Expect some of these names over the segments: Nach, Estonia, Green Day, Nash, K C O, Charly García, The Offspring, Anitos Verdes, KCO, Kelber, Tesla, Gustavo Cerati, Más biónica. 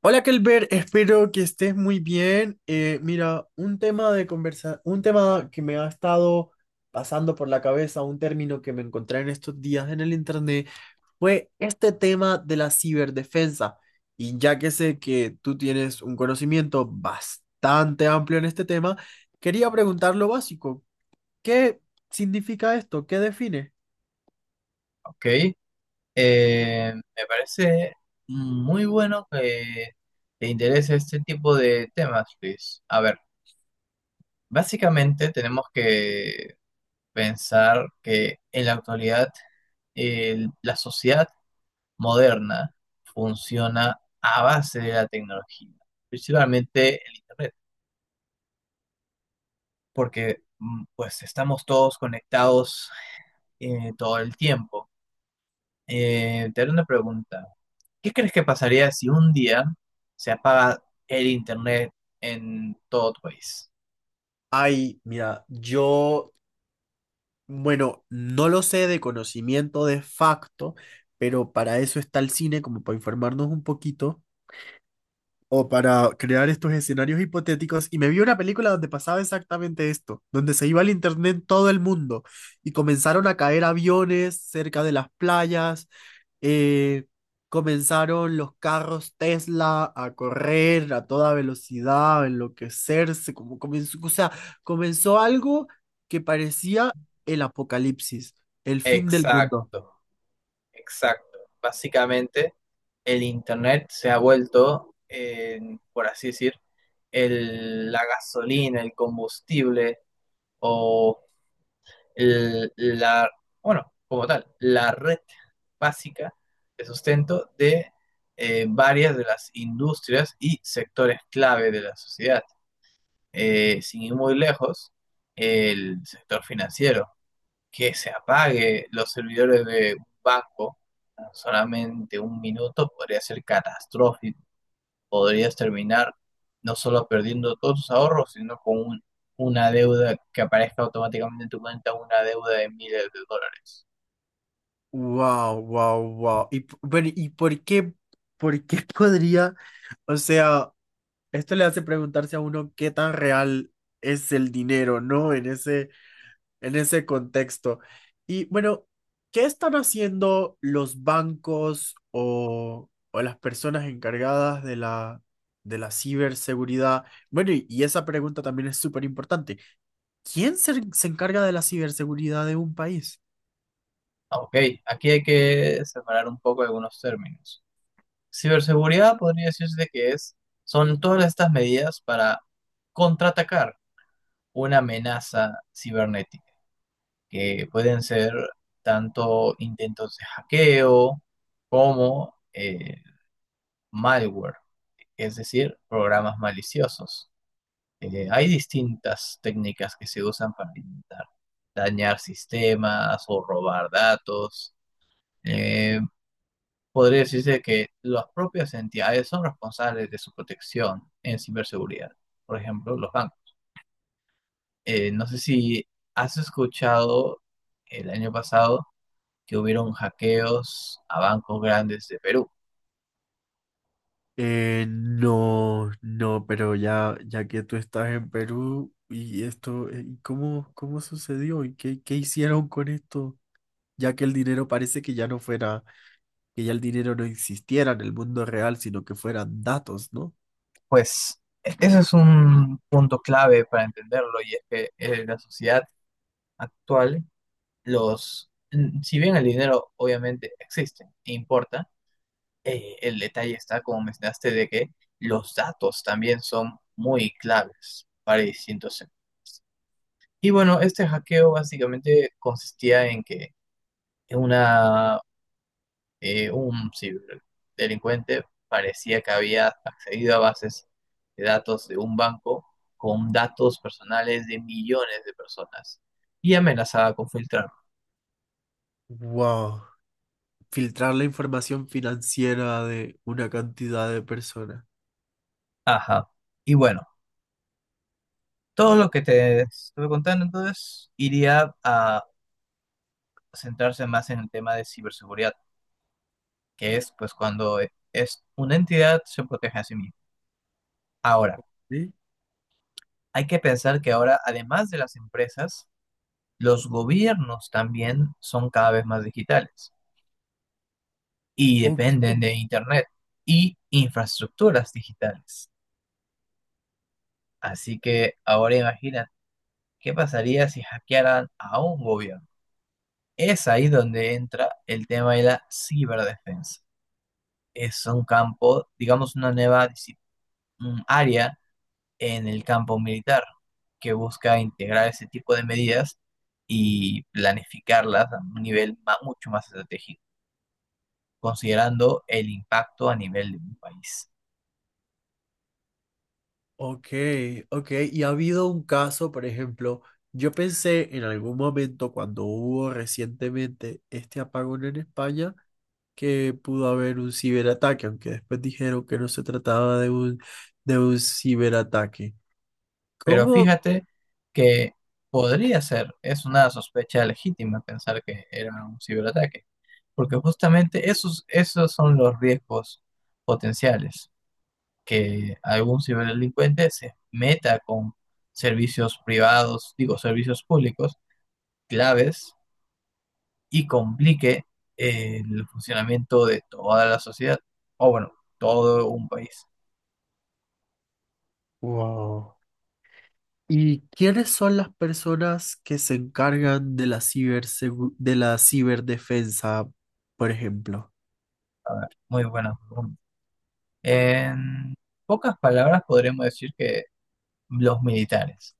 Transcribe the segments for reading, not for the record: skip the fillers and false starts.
Hola, Kelber, espero que estés muy bien. Mira, un tema de conversa, un tema que me ha estado pasando por la cabeza, un término que me encontré en estos días en el internet, fue este tema de la ciberdefensa. Y ya que sé que tú tienes un conocimiento bastante amplio en este tema, quería preguntar lo básico. ¿Qué significa esto? ¿Qué define? Ok, Me parece muy bueno que te interese este tipo de temas, Luis. A ver, básicamente tenemos que pensar que en la actualidad la sociedad moderna funciona a base de la tecnología, principalmente el Internet, porque pues estamos todos conectados todo el tiempo. Te haré una pregunta. ¿Qué crees que pasaría si un día se apaga el internet en todo tu país? Ay, mira, yo... Bueno, no lo sé de conocimiento de facto, pero para eso está el cine, como para informarnos un poquito o para crear estos escenarios hipotéticos. Y me vi una película donde pasaba exactamente esto, donde se iba al internet en todo el mundo y comenzaron a caer aviones cerca de las playas, eh, comenzaron los carros Tesla a correr a toda velocidad, a enloquecerse, como comenzó, o sea, comenzó algo que parecía el apocalipsis, el fin del mundo. Exacto, exacto. Básicamente, el internet se ha vuelto, por así decir, la gasolina, el combustible o el- la, bueno, como tal, la red básica de sustento de varias de las industrias y sectores clave de la sociedad. Sin ir muy lejos, el sector financiero, que se apague los servidores de un banco en solamente un minuto podría ser catastrófico, podrías terminar no solo perdiendo todos tus ahorros, sino con una deuda que aparezca automáticamente en tu cuenta, una deuda de miles de dólares. Wow, wow, wow. Bueno, ¿y por qué podría, o sea, esto le hace preguntarse a uno qué tan real es el dinero, ¿no? En ese contexto. Y bueno, ¿qué están haciendo los bancos o las personas encargadas de de la ciberseguridad? Bueno, y esa pregunta también es súper importante. ¿Quién se encarga de la ciberseguridad de un país? Ok, aquí hay que separar un poco algunos términos. Ciberseguridad podría decirse que es, son todas estas medidas para contraatacar una amenaza cibernética, que pueden ser tanto intentos de hackeo como malware, es decir, programas maliciosos. Hay distintas técnicas que se usan para intentar dañar sistemas o robar datos. Eh, podría decirse que las propias entidades son responsables de su protección en ciberseguridad, por ejemplo, los bancos. No sé si has escuchado el año pasado que hubieron hackeos a bancos grandes de Perú. No, no, pero ya, ya que tú estás en Perú y esto, ¿y cómo sucedió y qué, qué hicieron con esto? Ya que el dinero parece que ya no fuera... que ya el dinero no existiera en el mundo real, sino que fueran datos, ¿no? Pues ese es un punto clave para entenderlo, y es que en la sociedad actual, si bien el dinero obviamente existe e importa, el detalle está, como mencionaste, de que los datos también son muy claves para distintos sectores. Y bueno, este hackeo básicamente consistía en que una un ciberdelincuente parecía que había accedido a bases de datos de un banco con datos personales de millones de personas y amenazaba con filtrarlo. Wow, filtrar la información financiera de una cantidad de personas. Ajá. Y bueno, todo lo que te estuve contando entonces iría a centrarse más en el tema de ciberseguridad, que es pues cuando es una entidad se protege a sí misma. Ahora, ¿Sí? hay que pensar que ahora, además de las empresas, los gobiernos también son cada vez más digitales y Ok, dependen de Internet y infraestructuras digitales. Así que ahora imagina qué pasaría si hackearan a un gobierno. Es ahí donde entra el tema de la ciberdefensa. Es un campo, digamos, una un área en el campo militar que busca integrar ese tipo de medidas y planificarlas a un nivel mucho más estratégico, considerando el impacto a nivel de un país. ok, ok. Y ha habido un caso, por ejemplo, yo pensé en algún momento cuando hubo recientemente este apagón en España que pudo haber un ciberataque, aunque después dijeron que no se trataba de de un ciberataque. Pero ¿Cómo? fíjate que podría ser, es una sospecha legítima pensar que era un ciberataque, porque justamente esos, esos son los riesgos potenciales, que algún ciberdelincuente se meta con servicios públicos claves y complique el funcionamiento de toda la sociedad, o bueno, todo un país. Wow. ¿Y quiénes son las personas que se encargan de la cibersegu- de la ciberdefensa, por ejemplo? A ver, muy buena pregunta. En pocas palabras podríamos decir que los militares,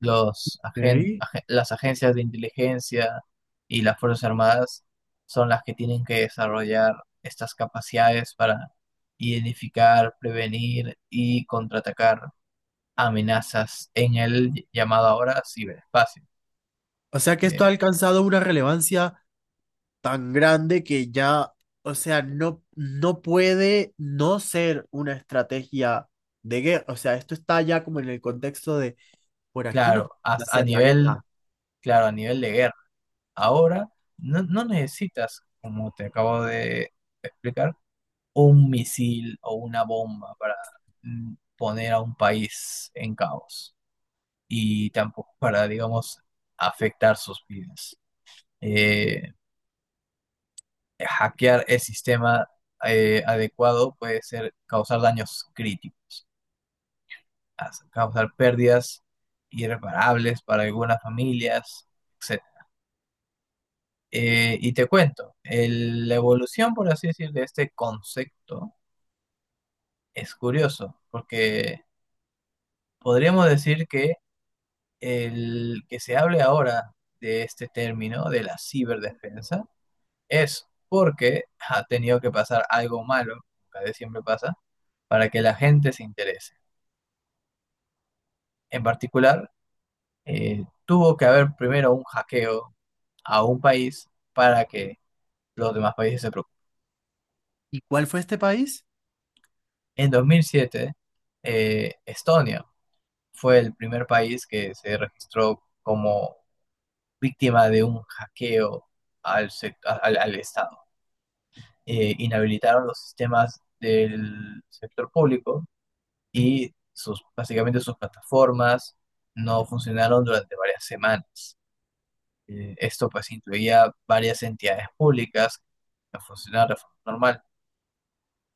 Ok. Las agencias de inteligencia y las Fuerzas Armadas son las que tienen que desarrollar estas capacidades para identificar, prevenir y contraatacar amenazas en el llamado ahora ciberespacio. O sea que Eh, esto ha alcanzado una relevancia tan grande que ya, o sea, no, no puede no ser una estrategia de guerra. O sea, esto está ya como en el contexto de por aquí no claro, pueden as- a hacer la nivel, guerra. claro, a nivel de guerra. Ahora no necesitas, como te acabo de explicar, un misil o una bomba para poner a un país en caos y tampoco para, digamos, afectar sus vidas. Eh, hackear el sistema adecuado puede ser causar daños críticos, causar pérdidas irreparables para algunas familias, etcétera. Y te cuento, la evolución, por así decir, de este concepto es curioso, porque podríamos decir que el que se hable ahora de este término, de la ciberdefensa, es porque ha tenido que pasar algo malo, cada vez siempre pasa, para que la gente se interese. En particular, tuvo que haber primero un hackeo a un país para que los demás países se preocupen. ¿Y cuál fue este país? En 2007, Estonia fue el primer país que se registró como víctima de un hackeo al Estado. Inhabilitaron los sistemas del sector público y básicamente sus plataformas no funcionaron durante varias semanas. Esto pues incluía varias entidades públicas que no funcionaban de forma normal.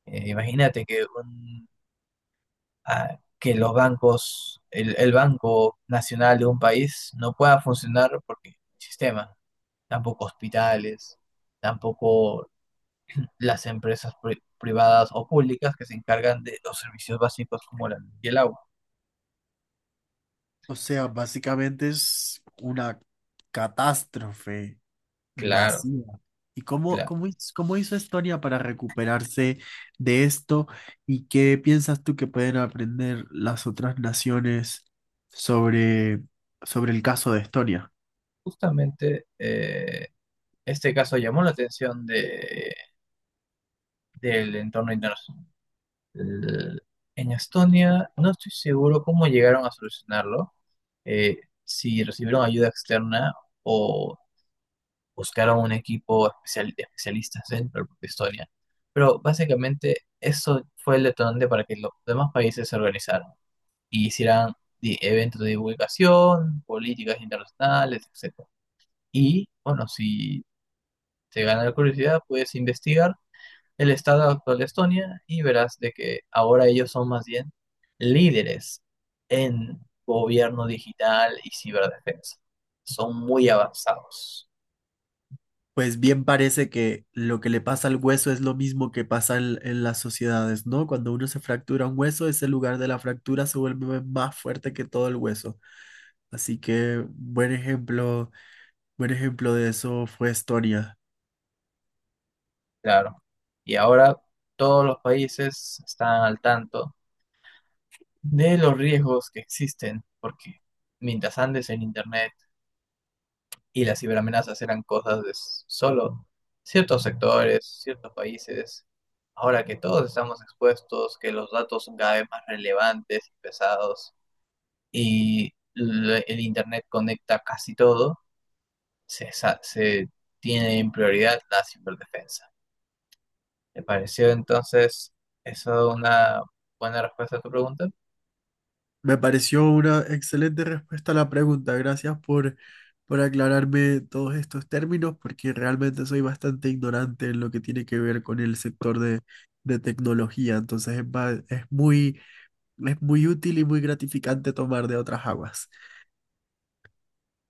Imagínate que, que los bancos, el Banco Nacional de un país no pueda funcionar porque el sistema, tampoco hospitales, tampoco las empresas privadas o públicas que se encargan de los servicios básicos como la luz y el agua. O sea, básicamente es una catástrofe. Claro, Masiva. ¿Y cómo, claro. cómo, hiz- cómo hizo Estonia para recuperarse de esto? ¿Y qué piensas tú que pueden aprender las otras naciones sobre, sobre el caso de Estonia? Justamente este caso llamó la atención del entorno internacional. L- En Estonia no estoy seguro cómo llegaron a solucionarlo, si recibieron ayuda externa o buscaron un equipo especial, de especialistas dentro de propia Estonia. Pero básicamente eso fue el detonante para que los demás países se organizaran y hicieran eventos de divulgación, políticas internacionales, etcétera. Y bueno, si te gana la curiosidad, puedes investigar el estado actual de Estonia y verás de que ahora ellos son más bien líderes en gobierno digital y ciberdefensa. Son muy avanzados, Pues bien parece que lo que le pasa al hueso es lo mismo que pasa en las sociedades, ¿no? Cuando uno se fractura un hueso, ese lugar de la fractura se vuelve más fuerte que todo el hueso. Así que buen ejemplo de eso fue Estonia. claro. Y ahora todos los países están al tanto de los riesgos que existen, porque mientras andes en Internet y las ciberamenazas eran cosas de solo ciertos sectores, ciertos países. Ahora que todos estamos expuestos, que los datos son cada vez más relevantes y pesados y el Internet conecta casi todo, se tiene en prioridad la ciberdefensa. ¿Te pareció entonces eso una buena respuesta a tu pregunta? Me pareció una excelente respuesta a la pregunta. Gracias por aclararme todos estos términos, porque realmente soy bastante ignorante en lo que tiene que ver con el sector de tecnología. Entonces es, ba- es muy... Es muy útil y muy gratificante tomar de otras aguas.